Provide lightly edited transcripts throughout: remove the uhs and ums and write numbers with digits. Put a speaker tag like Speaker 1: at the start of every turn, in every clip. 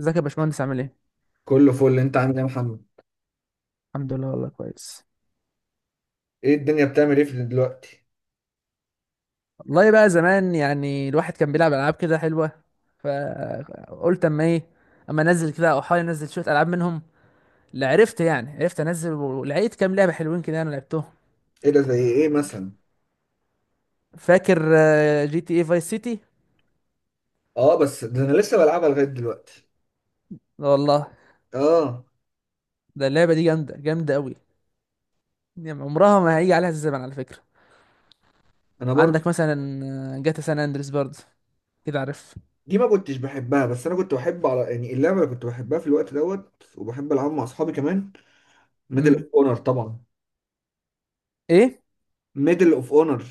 Speaker 1: ازيك يا باشمهندس عامل ايه؟
Speaker 2: كله فل، انت عامل ايه يا محمد؟
Speaker 1: الحمد لله والله كويس.
Speaker 2: ايه الدنيا بتعمل ايه في دلوقتي؟
Speaker 1: والله بقى زمان يعني الواحد كان بيلعب العاب كده حلوه، فقلت اما ايه، اما انزل كده او احاول انزل شويه العاب منهم. اللي عرفت يعني عرفت انزل ولقيت كام لعبه حلوين كده انا لعبتهم.
Speaker 2: ايه ده؟ زي ايه مثلا؟
Speaker 1: فاكر جي تي اي فايس سيتي؟
Speaker 2: اه، بس ده انا لسه بلعبها لغايه دلوقتي.
Speaker 1: لا والله.
Speaker 2: اه
Speaker 1: ده اللعبه دي جامده جامده قوي، يعني عمرها ما هيجي عليها الزمن على فكره.
Speaker 2: انا برضو.
Speaker 1: عندك مثلا جاتا سان اندريس برضه، كده عارف.
Speaker 2: دي ما كنتش بحبها، بس انا كنت بحب على يعني اللعبه اللي كنت بحبها في الوقت دوت وبحب العبها مع اصحابي كمان. ميدل اوف
Speaker 1: امم
Speaker 2: اونر طبعا.
Speaker 1: ايه.
Speaker 2: ميدل اوف اونر.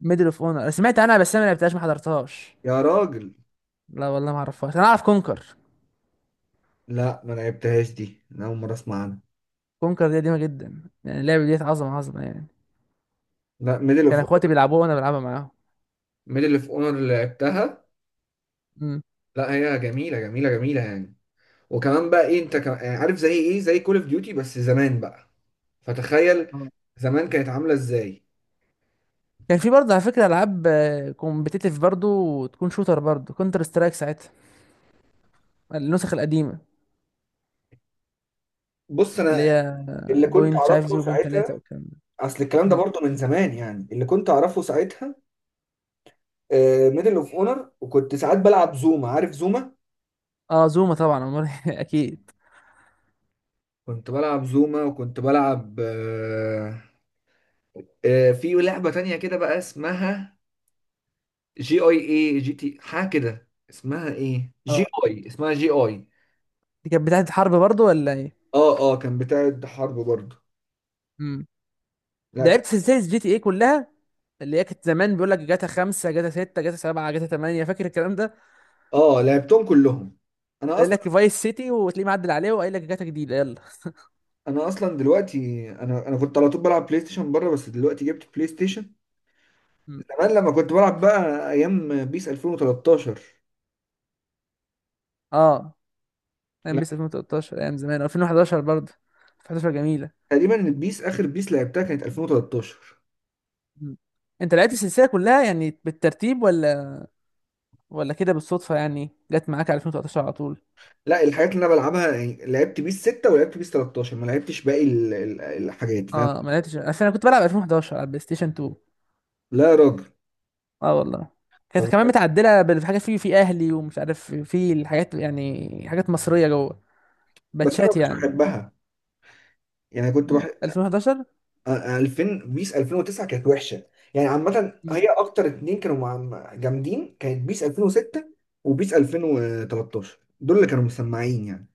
Speaker 1: ميدل اوف اونر انا سمعت عنها بس انا ما لعبتهاش ما حضرتهاش.
Speaker 2: يا راجل.
Speaker 1: لا والله ما اعرفهاش، انا اعرف كونكر.
Speaker 2: لا ما لعبتهاش دي، انا اول مره اسمع عنها.
Speaker 1: كونكر دي قديمه جدا، يعني اللعبه دي عظمه عظمه يعني،
Speaker 2: لا ميدل
Speaker 1: كان
Speaker 2: اوف.
Speaker 1: اخواتي بيلعبوها وانا بلعبها معاهم.
Speaker 2: ميدل اوف اونر اللي لعبتها.
Speaker 1: امم
Speaker 2: لا هي جميله جميله جميله يعني. وكمان بقى ايه، انت كمان يعني عارف زي ايه، زي كول اوف ديوتي بس زمان بقى. فتخيل.
Speaker 1: آه.
Speaker 2: زمان كانت عامله ازاي.
Speaker 1: كان في برضه على فكره العاب كومبتيتيف برضه وتكون شوتر برضه، كونتر سترايك ساعتها، النسخ القديمه
Speaker 2: بص انا.
Speaker 1: اللي هي
Speaker 2: اللي كنت
Speaker 1: بوينت مش عارف
Speaker 2: اعرفه ساعتها.
Speaker 1: 0.3 والكلام ده.
Speaker 2: اصل الكلام ده
Speaker 1: امم
Speaker 2: برضه من زمان، يعني اللي كنت اعرفه ساعتها ميدل اوف اونر. وكنت ساعات بلعب زوما، عارف زوما.
Speaker 1: اه، زوما طبعا أمال إيه؟ اكيد.
Speaker 2: كنت بلعب زوما، وكنت بلعب في لعبه تانية كده بقى اسمها جي اي اي جي تي حاجه كده، اسمها ايه، جي
Speaker 1: اه،
Speaker 2: اي، اسمها جي اي.
Speaker 1: دي كانت بتاعه الحرب برضه ولا ايه.
Speaker 2: اه اه كان بتاعت حرب برضه.
Speaker 1: امم
Speaker 2: لا كان.
Speaker 1: لعبت سلسله جي تي ايه كلها، اللي هي كانت زمان بيقول لك جاتا 5 جاتا 6 جاتا 7 جاتا 8، فاكر الكلام ده؟
Speaker 2: اه لعبتهم كلهم. انا.
Speaker 1: قايل لك فايس سيتي وتلاقيه معدل عليه وقايل لك جاتا جديدة يلا.
Speaker 2: انا اصلا دلوقتي انا كنت على طول بلعب بلاي ستيشن بره، بس دلوقتي جبت بلاي ستيشن.
Speaker 1: م.
Speaker 2: زمان لما كنت بلعب بقى ايام بيس 2013.
Speaker 1: اه،
Speaker 2: لا.
Speaker 1: بيس 2013 ايام زمان، 2011 برضه. 2011 جميلة.
Speaker 2: تقريبا البيس، اخر بيس لعبتها كانت 2013.
Speaker 1: م. انت لقيت السلسلة كلها يعني بالترتيب، ولا كده بالصدفة يعني جت معاك على 2013 على طول؟
Speaker 2: لا الحاجات اللي انا بلعبها يعني لعبت بيس 6 ولعبت بيس 13، ما لعبتش باقي الحاجات فاهم.
Speaker 1: اه، ما لقيتش، اصل انا كنت بلعب 2011 على البلاي ستيشن 2.
Speaker 2: لا يا راجل.
Speaker 1: اه والله، كانت
Speaker 2: طب.
Speaker 1: كمان متعدلة بالحاجة في اهلي ومش عارف، في الحاجات يعني حاجات مصرية جوه،
Speaker 2: بس انا
Speaker 1: باتشات
Speaker 2: مش
Speaker 1: يعني.
Speaker 2: بحبها. يعني كنت
Speaker 1: م.
Speaker 2: بحب
Speaker 1: 2011.
Speaker 2: 2000، بيس 2009 كانت وحشه. يعني عامه
Speaker 1: م.
Speaker 2: هي اكتر اتنين كانوا جامدين، كانت بيس 2006 وبيس 2013، دول اللي كانوا مسمعين يعني.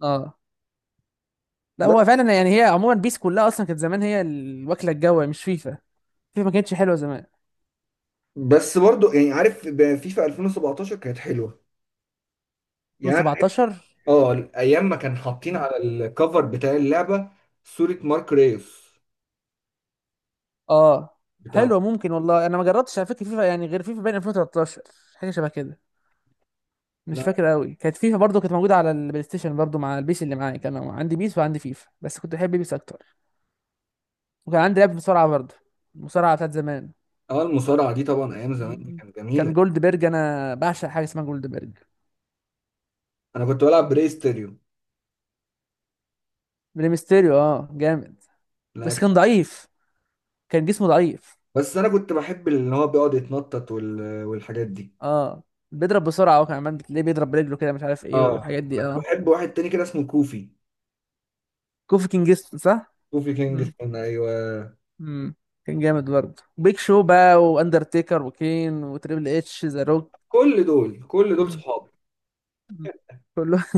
Speaker 1: اه، لا هو
Speaker 2: بس.
Speaker 1: فعلا يعني هي عموما بيس كلها اصلا كانت زمان هي الوكله الجوه مش فيفا. فيفا ما كانتش حلوه زمان.
Speaker 2: بس برضو يعني عارف فيفا 2017 كانت حلوه يعني.
Speaker 1: 2017؟
Speaker 2: اه ايام ما كان حاطين على الكفر بتاع اللعبه صوره مارك ريوس
Speaker 1: اه،
Speaker 2: بتاع.
Speaker 1: حلوه ممكن، والله انا ما جربتش على فكره فيفا، يعني غير فيفا بين 2013، حاجه شبه كده. مش
Speaker 2: لا.
Speaker 1: فاكر قوي. كانت فيفا برضو كانت موجوده على البلاي ستيشن برضو مع البيس. اللي معايا كان عندي بيس وعندي فيفا، بس كنت بحب بيس اكتر. وكان عندي لعبه مصارعه برضو، المصارعه بتاعت زمان.
Speaker 2: اه المصارعه دي طبعا ايام زمان دي
Speaker 1: م-
Speaker 2: كانت
Speaker 1: كان
Speaker 2: جميله.
Speaker 1: جولد بيرج، انا بعشق حاجه اسمها جولد بيرج.
Speaker 2: انا كنت بلعب بري ستيريو.
Speaker 1: بريمستيريو اه، جامد
Speaker 2: لا.
Speaker 1: بس كان ضعيف، كان جسمه ضعيف.
Speaker 2: بس انا كنت بحب اللي هو بيقعد يتنطط والحاجات دي.
Speaker 1: اه، بيضرب بسرعه هو كمان، بتلاقيه بيضرب برجله كده مش عارف ايه
Speaker 2: اه
Speaker 1: والحاجات دي
Speaker 2: كنت
Speaker 1: اه.
Speaker 2: بحب واحد تاني كده اسمه كوفي.
Speaker 1: كوفي كينجستون صح؟
Speaker 2: كوفي كينج،
Speaker 1: مم.
Speaker 2: كان ايوه.
Speaker 1: مم. كان جامد برضه بيك شو بقى، واندرتيكر وكين وتريبل اتش ذا روك.
Speaker 2: كل دول كل دول
Speaker 1: مم.
Speaker 2: صحابي.
Speaker 1: مم. كله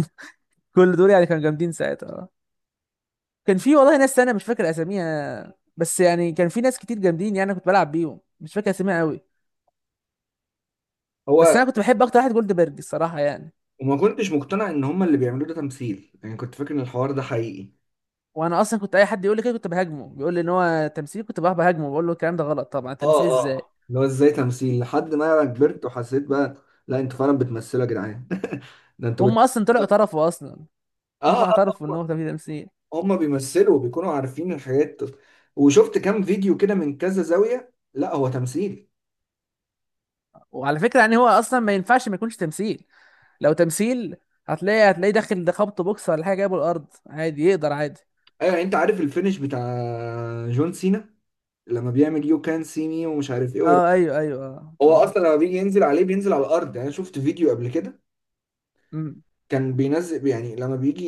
Speaker 1: كل دول يعني كانوا جامدين ساعتها اه. كان في والله ناس انا مش فاكر اساميها، بس يعني كان في ناس كتير جامدين يعني، أنا كنت بلعب بيهم مش فاكر اساميها قوي. بس
Speaker 2: هو.
Speaker 1: انا كنت بحب اكتر واحد جولدبرج الصراحه يعني.
Speaker 2: وما كنتش مقتنع ان هم اللي بيعملوه ده تمثيل، يعني كنت فاكر ان الحوار ده حقيقي.
Speaker 1: وانا اصلا كنت اي حد يقول لي كده كنت بهاجمه، بيقول لي ان هو تمثيل كنت بقى بهاجمه، بقول له الكلام ده غلط طبعا، تمثيل
Speaker 2: اه
Speaker 1: ازاي؟
Speaker 2: اه اللي هو ازاي تمثيل، لحد ما كبرت وحسيت بقى. لا انتوا فعلا بتمثلوا يا جدعان. ده انتوا
Speaker 1: هم اصلا طلعوا
Speaker 2: بتمثلوا.
Speaker 1: اعترفوا اصلا،
Speaker 2: اه
Speaker 1: هم
Speaker 2: اه
Speaker 1: اعترفوا ان هو كان في تمثيل.
Speaker 2: هم بيمثلوا، بيكونوا عارفين الحاجات. وشفت كام فيديو كده من كذا زاوية، لا هو تمثيل.
Speaker 1: وعلى فكره يعني هو اصلا ما ينفعش ما يكونش تمثيل. لو تمثيل هتلاقيه داخل ده خبط بوكس ولا حاجه جايبه الارض عادي، يقدر عادي.
Speaker 2: ايوه، يعني انت عارف الفينش بتاع جون سينا، لما بيعمل يو كان سي مي ومش عارف ايه ويروح.
Speaker 1: اه ايوه ايوه اه
Speaker 2: هو
Speaker 1: اه.
Speaker 2: اصلا لما بيجي ينزل عليه بينزل على الارض، يعني انا شفت فيديو قبل كده.
Speaker 1: مم.
Speaker 2: كان بينزل، يعني لما بيجي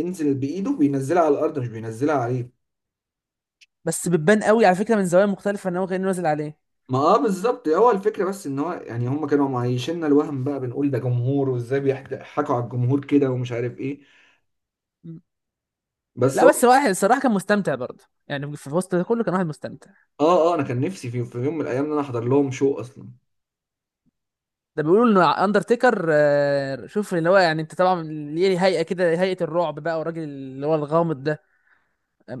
Speaker 2: ينزل بايده بينزلها على الارض مش بينزلها عليه.
Speaker 1: بس بتبان قوي على فكره من زوايا مختلفه ان هو كان نازل عليه.
Speaker 2: ما اه بالظبط هو الفكره، بس ان هو يعني هم كانوا معيشنا الوهم بقى، بنقول ده جمهور، وازاي بيضحكوا على الجمهور كده ومش عارف ايه.
Speaker 1: مم.
Speaker 2: بس
Speaker 1: لا
Speaker 2: هو.
Speaker 1: بس واحد الصراحه كان مستمتع برضه، يعني في وسط ده كله كان واحد مستمتع.
Speaker 2: اه اه انا كان نفسي في يوم من الايام ان انا احضر لهم شو اصلا.
Speaker 1: ده بيقولوا ان اندرتيكر شوف اللي هو يعني انت طبعا ليه هيئه كده، هيئه الرعب بقى، والراجل اللي هو الغامض ده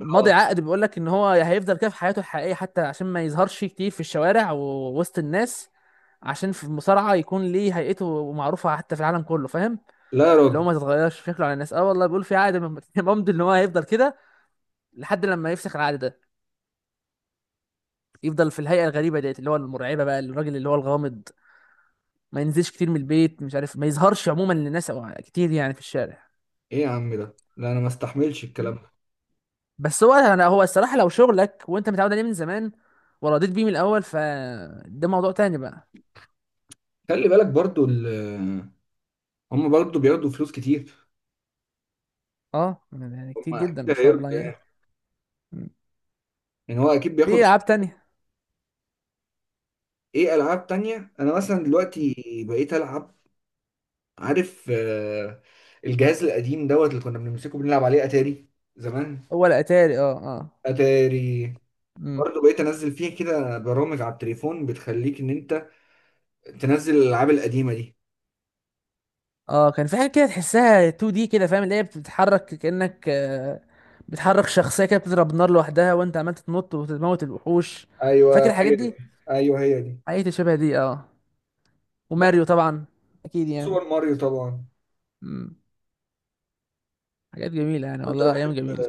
Speaker 2: اه.
Speaker 1: عقد بيقول لك ان هو هيفضل كده في حياته الحقيقيه، حتى عشان ما يظهرش كتير في الشوارع ووسط الناس، عشان في المصارعه يكون ليه هيئته معروفه حتى في العالم كله، فاهم؟
Speaker 2: لا يا
Speaker 1: اللي هو
Speaker 2: راجل.
Speaker 1: ما تتغيرش شكله على الناس. اه والله بيقول في عقد ممضي ان هو هيفضل كده لحد لما يفسخ العقد ده، يفضل في الهيئه الغريبه ديت اللي هو المرعبه بقى، الراجل اللي هو الغامض، ما ينزلش كتير من البيت مش عارف، ما يظهرش عموما للناس أو كتير يعني في الشارع.
Speaker 2: ايه يا عم ده، لا انا ما استحملش
Speaker 1: م.
Speaker 2: الكلام ده.
Speaker 1: بس هو انا، هو الصراحه لو شغلك وانت متعود عليه من زمان ورضيت بيه من الاول فده موضوع تاني بقى.
Speaker 2: خلي بالك برضو هم برضو بياخدوا فلوس كتير.
Speaker 1: اه يعني كتير
Speaker 2: ما
Speaker 1: جدا ما
Speaker 2: اكيد
Speaker 1: شاء الله
Speaker 2: هيرضى
Speaker 1: يعني.
Speaker 2: يعني.
Speaker 1: مم.
Speaker 2: يعني هو اكيد
Speaker 1: في
Speaker 2: بياخد.
Speaker 1: العاب تانية.
Speaker 2: ايه العاب تانية. انا مثلا
Speaker 1: مم.
Speaker 2: دلوقتي بقيت العب، عارف، الجهاز القديم دوت اللي كنا بنمسكه بنلعب عليه اتاري زمان.
Speaker 1: هو الاتاري اه. اه.
Speaker 2: اتاري
Speaker 1: مم.
Speaker 2: برضه. بقيت انزل فيها كده برامج على التليفون بتخليك ان انت تنزل الالعاب القديمه دي.
Speaker 1: اه كان في حاجه كده تحسها 2 دي كده فاهم، اللي هي بتتحرك كانك بتحرك شخصيه كده بتضرب نار لوحدها وانت عمال تتنط وتموت الوحوش،
Speaker 2: ايوه
Speaker 1: فاكر الحاجات
Speaker 2: هي دي.
Speaker 1: دي؟
Speaker 2: ايوه هي دي.
Speaker 1: حاجات شبه دي اه. وماريو
Speaker 2: بس.
Speaker 1: طبعا، اكيد يعني.
Speaker 2: سوبر ماريو طبعا.
Speaker 1: مم. حاجات جميله يعني،
Speaker 2: كنت
Speaker 1: والله ايام
Speaker 2: بحب.
Speaker 1: جميله.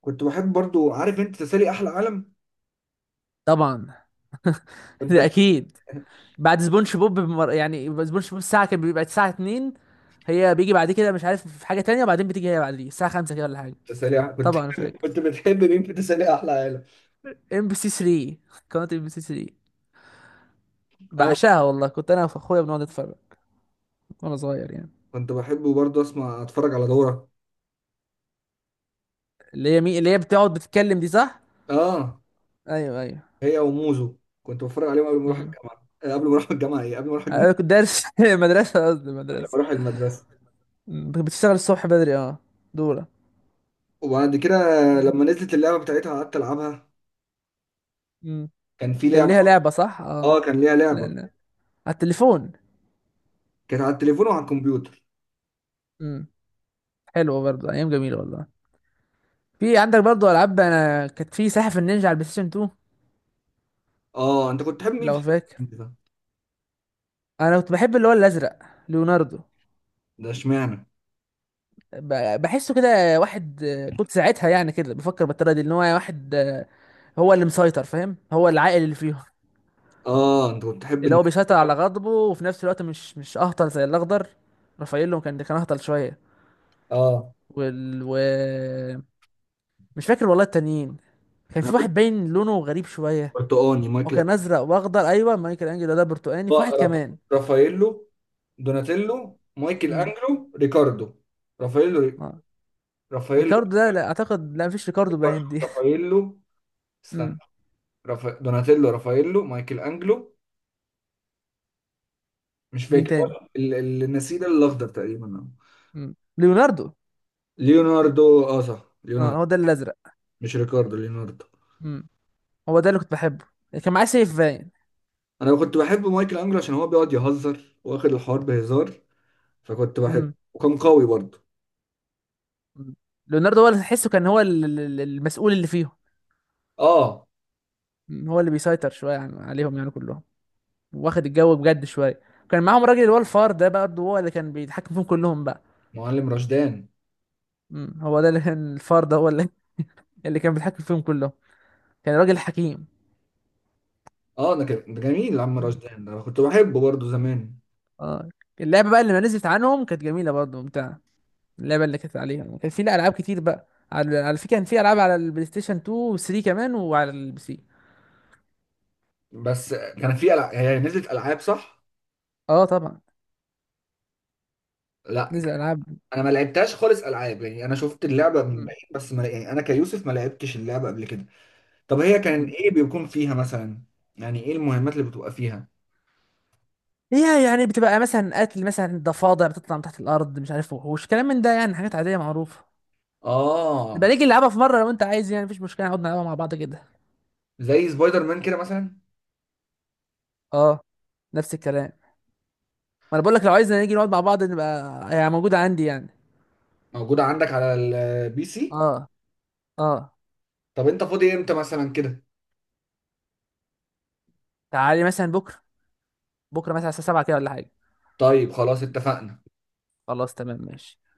Speaker 2: كنت بحب برضه، عارف انت تسالي احلى عالم.
Speaker 1: طبعا ده
Speaker 2: كنت
Speaker 1: اكيد. بعد سبونج بوب يعني سبونج بوب الساعة كان بيبقى الساعة 2، هي بيجي بعد كده مش عارف، في حاجة تانية، وبعدين بتيجي هي بعد دي الساعة 5 كده ولا حاجة.
Speaker 2: كنت
Speaker 1: طبعا انا فاكر.
Speaker 2: كنت بتحب مين في تسالي احلى عالم.
Speaker 1: ام بي سي 3، قناة ام بي سي 3،
Speaker 2: ايوه.
Speaker 1: بعشقها والله، كنت انا واخويا بنقعد نتفرج وانا صغير يعني.
Speaker 2: كنت بحبه برضه، اسمع اتفرج على دورة.
Speaker 1: اللي هي بتقعد بتتكلم دي صح؟
Speaker 2: اه
Speaker 1: ايوه ايوه.
Speaker 2: هي وموزو. كنت بتفرج عليهم قبل ما اروح
Speaker 1: امم
Speaker 2: الجامعة، قبل ما اروح الجامعة، ايه، قبل ما اروح
Speaker 1: انا
Speaker 2: الجامعة،
Speaker 1: كنت دارس مدرسة، قصدي
Speaker 2: قبل ما
Speaker 1: مدرسة.
Speaker 2: اروح المدرسة.
Speaker 1: بتشتغل الصبح بدري اه، دورة.
Speaker 2: وبعد كده لما نزلت اللعبة بتاعتها قعدت العبها.
Speaker 1: امم
Speaker 2: كان في
Speaker 1: كان
Speaker 2: لعبة
Speaker 1: ليها
Speaker 2: برضه.
Speaker 1: لعبة صح؟ اه.
Speaker 2: اه كان ليها
Speaker 1: لا
Speaker 2: لعبة.
Speaker 1: لا، على التليفون.
Speaker 2: كانت على التليفون وعلى الكمبيوتر.
Speaker 1: امم حلوة برضه، ايام جميلة والله. في عندك برضه العاب، انا كانت في سلاحف النينجا على البلاي ستيشن 2
Speaker 2: اه، انت كنت تحب مين
Speaker 1: لو
Speaker 2: في
Speaker 1: فاكر.
Speaker 2: الكمبيوتر ده؟
Speaker 1: انا كنت بحب اللي هو الازرق، ليوناردو.
Speaker 2: ده اشمعنى؟
Speaker 1: بحسه كده واحد كنت ساعتها يعني كده بفكر بالطريقه دي ان هو واحد هو اللي مسيطر، فاهم، هو العاقل اللي فيهم.
Speaker 2: اه، انت كنت تحب
Speaker 1: اللي هو
Speaker 2: الناس.
Speaker 1: بيسيطر على غضبه وفي نفس الوقت مش اهطل زي الاخضر، رافاييلو كان اهطل شويه.
Speaker 2: اه
Speaker 1: وال و... مش فاكر والله التانيين، كان
Speaker 2: انا
Speaker 1: في
Speaker 2: كنت
Speaker 1: واحد باين لونه غريب شويه،
Speaker 2: برتقاني، مايكل
Speaker 1: وكان
Speaker 2: أنجلو.
Speaker 1: ازرق واخضر. ايوه مايكل انجلو ده برتقاني، في
Speaker 2: آه،
Speaker 1: واحد
Speaker 2: راف-
Speaker 1: كمان.
Speaker 2: رافاييلو، دوناتيلو، مايكل
Speaker 1: امم
Speaker 2: انجلو، ريكاردو، رافاييلو، رافاييلو،
Speaker 1: ريكاردو ده لا اعتقد، لا مفيش ريكاردو باين دي.
Speaker 2: رافاييلو. استنى.
Speaker 1: امم
Speaker 2: دوناتيلو، رافاييلو، مايكل انجلو، مش
Speaker 1: مين
Speaker 2: فاكر هو.
Speaker 1: تاني؟
Speaker 2: النسيج الاخضر تقريبا
Speaker 1: ليوناردو.
Speaker 2: ليوناردو. اه صح،
Speaker 1: اه،
Speaker 2: ليوناردو.
Speaker 1: هو ده الازرق.
Speaker 2: مش ريكاردو، ليوناردو.
Speaker 1: امم هو ده اللي كنت بحبه، كان معاه سيف باين.
Speaker 2: انا كنت بحب مايكل انجلو عشان هو بيقعد يهزر، واخد الحوار بهزار، فكنت بحبه.
Speaker 1: امم
Speaker 2: وكان قوي برضه.
Speaker 1: أمم. ليوناردو، هو اللي تحسه كان هو المسؤول اللي فيهم.
Speaker 2: اه
Speaker 1: أمم. هو اللي بيسيطر شويه يعني عليهم يعني كلهم، واخد الجو بجد شويه. كان معاهم راجل، اللي هو الفار ده برضه، هو اللي كان بيتحكم فيهم كلهم بقى.
Speaker 2: معلم رشدان.
Speaker 1: هو ده اللي كان الفار ده هو اللي، اللي كان بيتحكم فيهم كلهم كان راجل حكيم.
Speaker 2: اه ده كان ده جميل، عم
Speaker 1: أمم.
Speaker 2: رشدان ده أنا كنت بحبه برضه زمان.
Speaker 1: اه. اللعبه بقى اللي ما نزلت عنهم كانت جميله برضه ممتعه، اللعبه اللي كانت عليها كان في، لا، العاب كتير بقى على فكره كان في العاب على البلاي ستيشن 2 و3 كمان وعلى البي سي.
Speaker 2: بس كان في هي نزلت العاب صح؟
Speaker 1: اه طبعا
Speaker 2: لا
Speaker 1: نزل العاب.
Speaker 2: انا ما لعبتهاش خالص العاب، يعني انا شفت اللعبه من
Speaker 1: مم.
Speaker 2: بعيد بس، ما يعني انا كيوسف ما لعبتش اللعبه قبل كده. طب هي كان
Speaker 1: مم.
Speaker 2: ايه بيكون فيها مثلا؟ يعني ايه المهمات اللي بتبقى فيها؟
Speaker 1: هي يعني بتبقى مثلا قتل مثلا ضفادع بتطلع من تحت الارض، مش عارف، وحوش كلام من ده يعني حاجات عاديه معروفه. نبقى
Speaker 2: اه.
Speaker 1: نيجي نلعبها في مره لو انت عايز، يعني مفيش مشكله، نقعد نلعبها مع بعض كده.
Speaker 2: زي سبايدر مان كده مثلا.
Speaker 1: اه، نفس الكلام. ما انا بقول لك لو عايزنا نيجي نقعد مع بعض نبقى، يعني موجوده عندي يعني.
Speaker 2: موجوده عندك على البي سي.
Speaker 1: اه اه.
Speaker 2: طب انت فاضي امتى مثلا كده؟
Speaker 1: تعالي مثلا بكره، بكره مثلا الساعه 7 كده ولا حاجه.
Speaker 2: طيب خلاص اتفقنا.
Speaker 1: خلاص تمام ماشي.